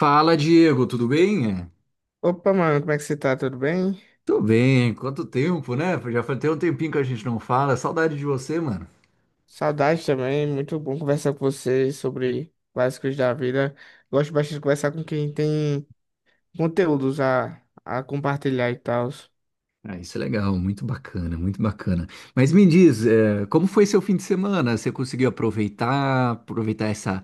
Fala, Diego, tudo bem? Opa, mano, como é que você tá? Tudo bem? Tudo bem, quanto tempo, né? Já faz até um tempinho que a gente não fala. Saudade de você, mano. Saudade também, muito bom conversar com você sobre várias coisas da vida. Gosto bastante de conversar com quem tem conteúdos a compartilhar e tal. Ah, isso é legal, muito bacana, muito bacana. Mas me diz, como foi seu fim de semana? Você conseguiu aproveitar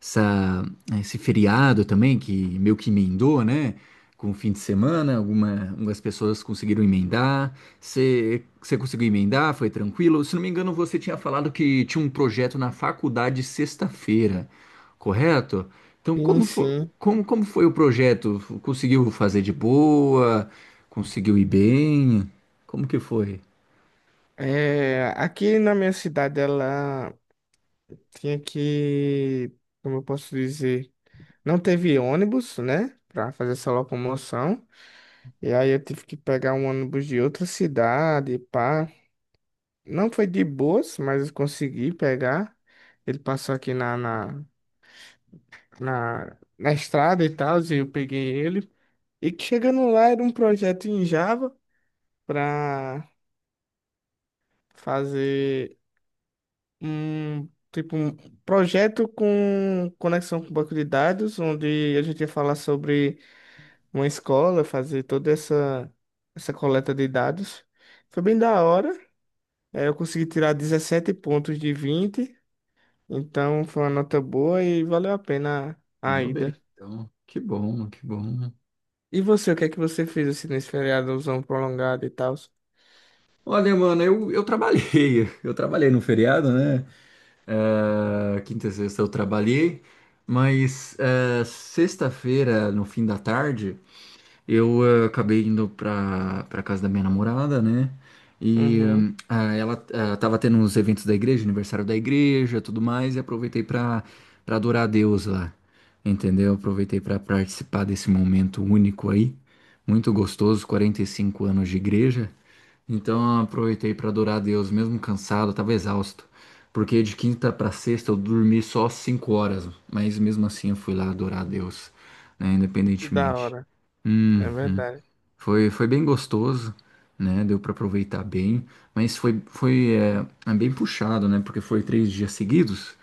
essa- esse feriado também, que meio que emendou, né? Com o fim de semana, algumas pessoas conseguiram emendar. Você conseguiu emendar? Foi tranquilo? Se não me engano, você tinha falado que tinha um projeto na faculdade sexta-feira, correto? Então, Sim, sim. Como foi o projeto? Conseguiu fazer de boa? Conseguiu ir bem? Como que foi? É, aqui na minha cidade, ela tinha que, como eu posso dizer, não teve ônibus, né, pra fazer essa locomoção. E aí eu tive que pegar um ônibus de outra cidade, pá. Não foi de boas, mas eu consegui pegar. Ele passou aqui na estrada e tal, e eu peguei ele. E que chegando lá era um projeto em Java para fazer um tipo um projeto com conexão com banco de dados, onde a gente ia falar sobre uma escola, fazer toda essa coleta de dados. Foi bem da hora. Eu consegui tirar 17 pontos de 20. Então foi uma nota boa e valeu a pena a Mandou bem, ida. então. Que bom, que bom. E você, o que é que você fez assim nesse feriadozão prolongado e tal? Olha, mano, eu trabalhei. Eu trabalhei no feriado, né? É, quinta e sexta eu trabalhei, mas é, sexta-feira, no fim da tarde. Eu acabei indo pra casa da minha namorada, né? E Uhum, hum, ah, ela tava tendo uns eventos da igreja, aniversário da igreja, tudo mais, e aproveitei pra adorar a Deus lá, entendeu? Aproveitei pra participar desse momento único aí, muito gostoso, 45 anos de igreja. Então aproveitei pra adorar a Deus, mesmo cansado, tava exausto, porque de quinta pra sexta eu dormi só 5 horas, mas mesmo assim eu fui lá adorar a Deus, né? que da Independentemente. hora, Hum. é verdade. Foi bem gostoso, né? Deu para aproveitar bem, mas é bem puxado, né? Porque foi 3 dias seguidos,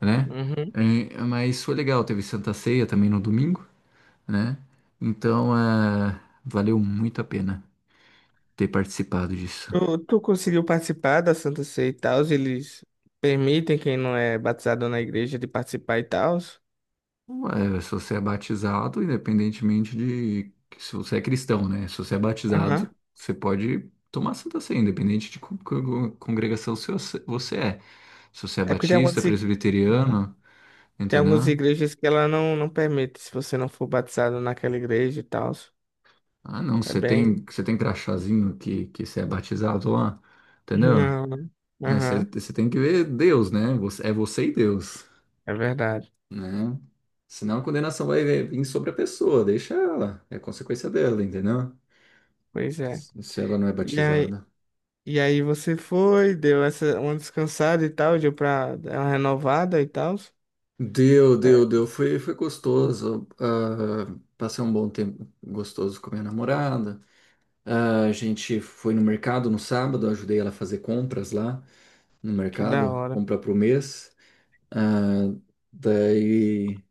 né? Uhum. É, mas foi legal, teve Santa Ceia também no domingo, né? Então, é, valeu muito a pena ter participado disso. Tu, tu conseguiu participar da Santa Ceia e tal? Eles permitem quem não é batizado na igreja de participar e tal? É, se você é batizado, independentemente de se você é cristão, né? Se você é batizado, Aham. você pode tomar Santa Ceia, independente de congregação se você é. Se você é É porque tem batista, algumas. presbiteriano, Tem algumas entendeu? igrejas que ela não permite, se você não for batizado naquela igreja e tal. Ah, não, É você bem. tem, você tem crachazinho que você é batizado lá, entendeu? Não. Não. É, Aham. você tem que ver Deus, né? Você- É você e Deus, É verdade. né? Senão a condenação vai vir sobre a pessoa, deixa ela, é consequência dela, entendeu? Pois é. Se ela não é E aí, batizada. e aí você foi, deu essa uma descansada e tal, deu pra dar uma renovada e tal. Deu, É, deu, deu. Foi gostoso. Ah, passei um bom tempo gostoso com minha namorada. Ah, a gente foi no mercado no sábado, ajudei ela a fazer compras lá no que da mercado, hora. compra pro mês. Ah, daí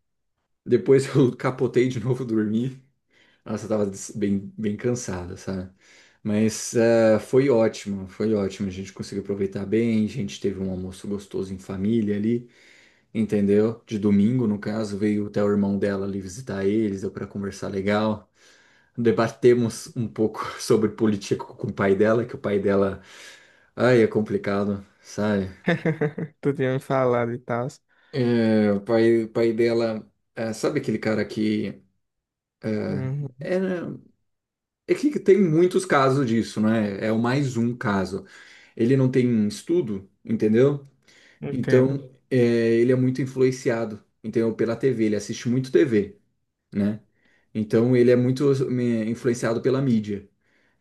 depois eu capotei de novo dormir. Nossa, eu tava bem, bem cansada, sabe? Mas ah, foi ótimo, foi ótimo. A gente conseguiu aproveitar bem, a gente teve um almoço gostoso em família ali. Entendeu? De domingo, no caso, veio até o irmão dela ali visitar eles, deu para conversar legal. Debatemos um pouco sobre política com o pai dela, que o pai dela, ai, é complicado, sabe? Tu tinha me falado e tal. O pai dela, é, sabe aquele cara que é, Uhum, era- é que tem muitos casos disso, né? É o mais um caso. Ele não tem estudo, entendeu? entendo. Então, é, ele é muito influenciado, entendeu? Pela TV, ele assiste muito TV, né? Então ele é muito influenciado pela mídia.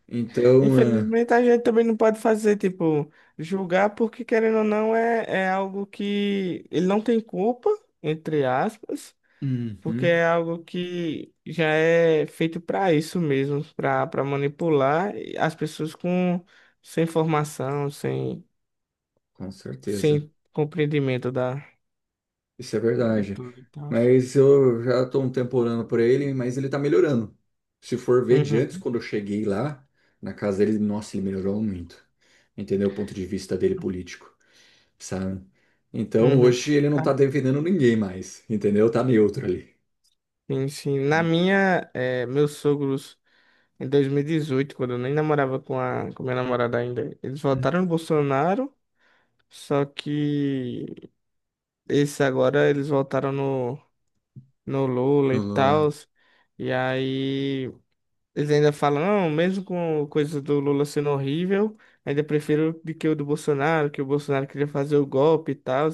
Então, ah, Infelizmente a gente também não pode fazer, tipo, julgar porque querendo ou não é, é algo que ele não tem culpa, entre aspas. Porque uhum, é algo que já é feito para isso mesmo, para manipular as pessoas com sem formação, sem com certeza. sem compreendimento da Isso é de verdade. tudo e tal. Mas eu já estou um tempo orando por ele, mas ele está melhorando. Se for ver de antes, Uhum, quando eu cheguei lá, na casa dele, nossa, ele melhorou muito. Entendeu? O ponto de vista dele político, sabe? Então uhum. hoje ele não está Ah, defendendo ninguém mais, entendeu? Tá neutro ali. sim, sim. Na minha, meus sogros em 2018, quando eu nem namorava com a com minha namorada ainda, eles Hum. votaram no Bolsonaro, só que esse agora eles votaram no Lula O e Lula, tal. E aí eles ainda falam, não, mesmo com coisa do Lula sendo horrível, ainda prefiro do que o do Bolsonaro, que o Bolsonaro queria fazer o golpe e tal.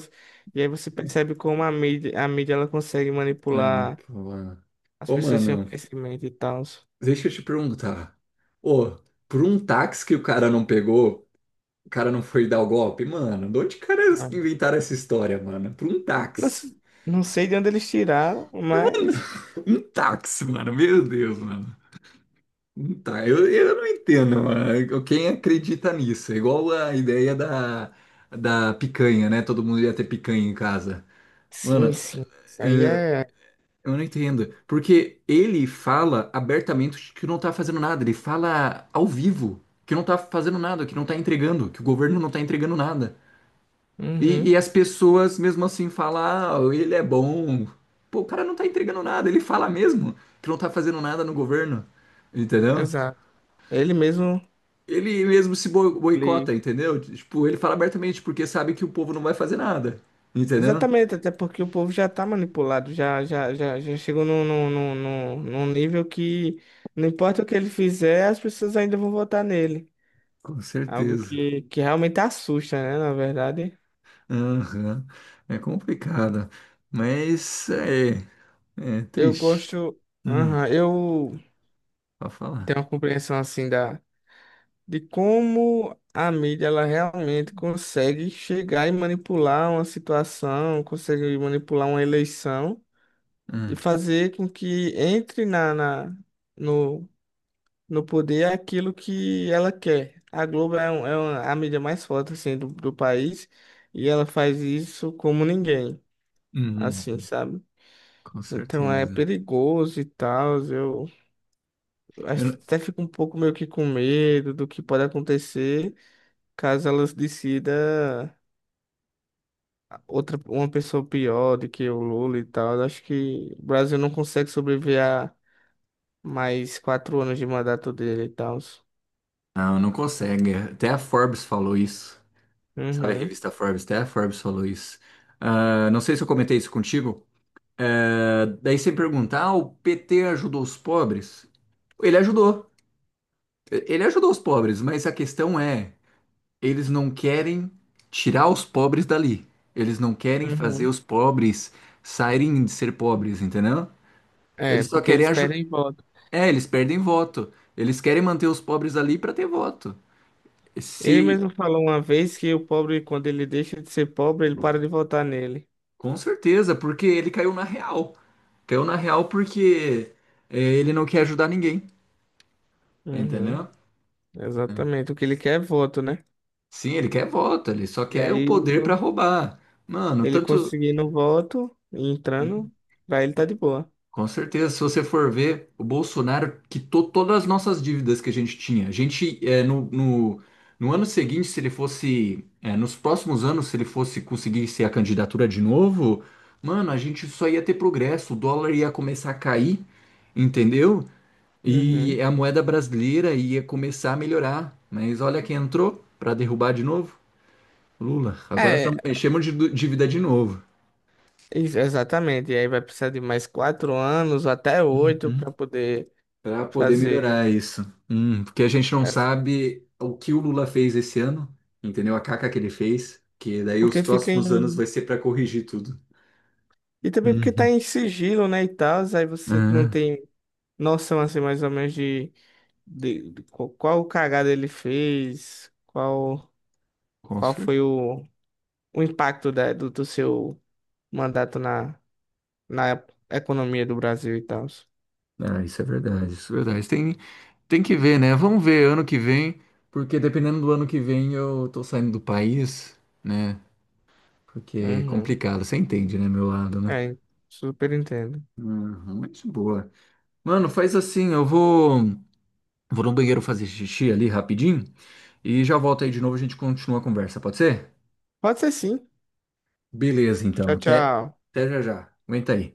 E aí você percebe como a mídia ela consegue manipular manipula. as Ô, pessoas sem o mano. conhecimento e tal. Deixa eu te perguntar. Ô, por um táxi que o cara não pegou, o cara não foi dar o golpe? Mano, de onde caras Ah, que inventaram essa história, mano? Por um não, táxi. Não sei de onde eles tiraram, Mano, mas um táxi, mano. Meu Deus, mano. Eu não entendo, mano. Quem acredita nisso? É igual a ideia da picanha, né? Todo mundo ia ter picanha em casa. sim, Mano, sim. Isso aí é, é. Eu não entendo. Porque ele fala abertamente que não tá fazendo nada. Ele fala ao vivo que não tá fazendo nada, que não tá entregando, que o governo não tá entregando nada. E, Uhum, e as pessoas, mesmo assim, falam: ah, ele é bom. Pô, o cara não tá entregando nada. Ele fala mesmo que não tá fazendo nada no governo. Entendeu? exato. Ele mesmo. Ele mesmo se boicota, entendeu? Tipo, ele fala abertamente porque sabe que o povo não vai fazer nada. Entendeu? Exatamente, até porque o povo já está manipulado, já chegou num nível que não importa o que ele fizer, as pessoas ainda vão votar nele. Com Algo certeza. Que realmente assusta, né? Na verdade, Aham. É complicado, mas é, é eu triste. gosto. Hum, Aham, eu pra tenho falar. uma compreensão assim da, de como a mídia ela realmente consegue chegar e manipular uma situação, consegue manipular uma eleição e Hum, fazer com que entre no no poder é aquilo que ela quer. A Globo é, é a mídia mais forte assim do país e ela faz isso como ninguém, hum, assim, hum, sabe? com certeza. Então é perigoso e tal. Eu Eu não, até fico um pouco meio que com medo do que pode acontecer caso ela decida outra uma pessoa pior do que o Lula e tal. Eu acho que o Brasil não consegue sobreviver a mais 4 anos de mandato dele e tal. Não consegue. Até a Forbes falou isso. Sabe a Uhum, revista Forbes? Até a Forbes falou isso. Ah, não sei se eu comentei isso contigo. Ah, daí você pergunta, ah, o PT ajudou os pobres? Ele ajudou. Ele ajudou os pobres, mas a questão é. Eles não querem tirar os pobres dali. Eles não querem fazer uhum. os pobres saírem de ser pobres, entendeu? É, Eles só porque querem eles ajudar. perdem voto. É, eles perdem voto. Eles querem manter os pobres ali para ter voto. Ele Se, mesmo falou uma vez que o pobre, quando ele deixa de ser pobre, ele para de votar nele. com certeza, porque ele caiu na real. Caiu na real porque é, ele não quer ajudar ninguém, Uhum, entendeu? É. exatamente. O que ele quer é voto, né? Sim, ele quer voto, ele só E quer aí o ele, poder para roubar. Mano, ele tanto. conseguindo voto, entrando, pra ele tá de boa. Com certeza, se você for ver, o Bolsonaro quitou todas as nossas dívidas que a gente tinha. A gente, é, no ano seguinte, se ele fosse, é, nos próximos anos, se ele fosse conseguir ser a candidatura de novo, mano, a gente só ia ter progresso, o dólar ia começar a cair, entendeu? E Uhum. a moeda brasileira ia começar a melhorar. Mas olha quem entrou para derrubar de novo, Lula. Agora É, chamam de dívida de novo. Exatamente. E aí vai precisar de mais 4 anos, até 8, para Uhum. poder Para poder fazer. melhorar isso. Porque a gente não Essa. sabe o que o Lula fez esse ano, entendeu? A caca que ele fez, que daí os Porque fica próximos anos em. vai ser para corrigir tudo. E também porque tá Uhum. em sigilo, né? E tal, aí você não Ah, tem noção assim mais ou menos de. De qual, qual cagada ele fez, qual, com qual certeza. foi o impacto do, do seu mandato na economia do Brasil e tal. Ah, isso é verdade, isso é verdade. Tem que ver, né? Vamos ver ano que vem, porque dependendo do ano que vem eu tô saindo do país, né? Porque é Uhum. complicado, você entende, né, meu lado, né? É, super entendo. Uhum, muito boa. Mano, faz assim, vou no banheiro fazer xixi ali rapidinho. E já volto aí de novo, a gente continua a conversa, pode ser? Pode ser sim. Beleza, então. Tchau, tchau. Até já já. Aguenta aí.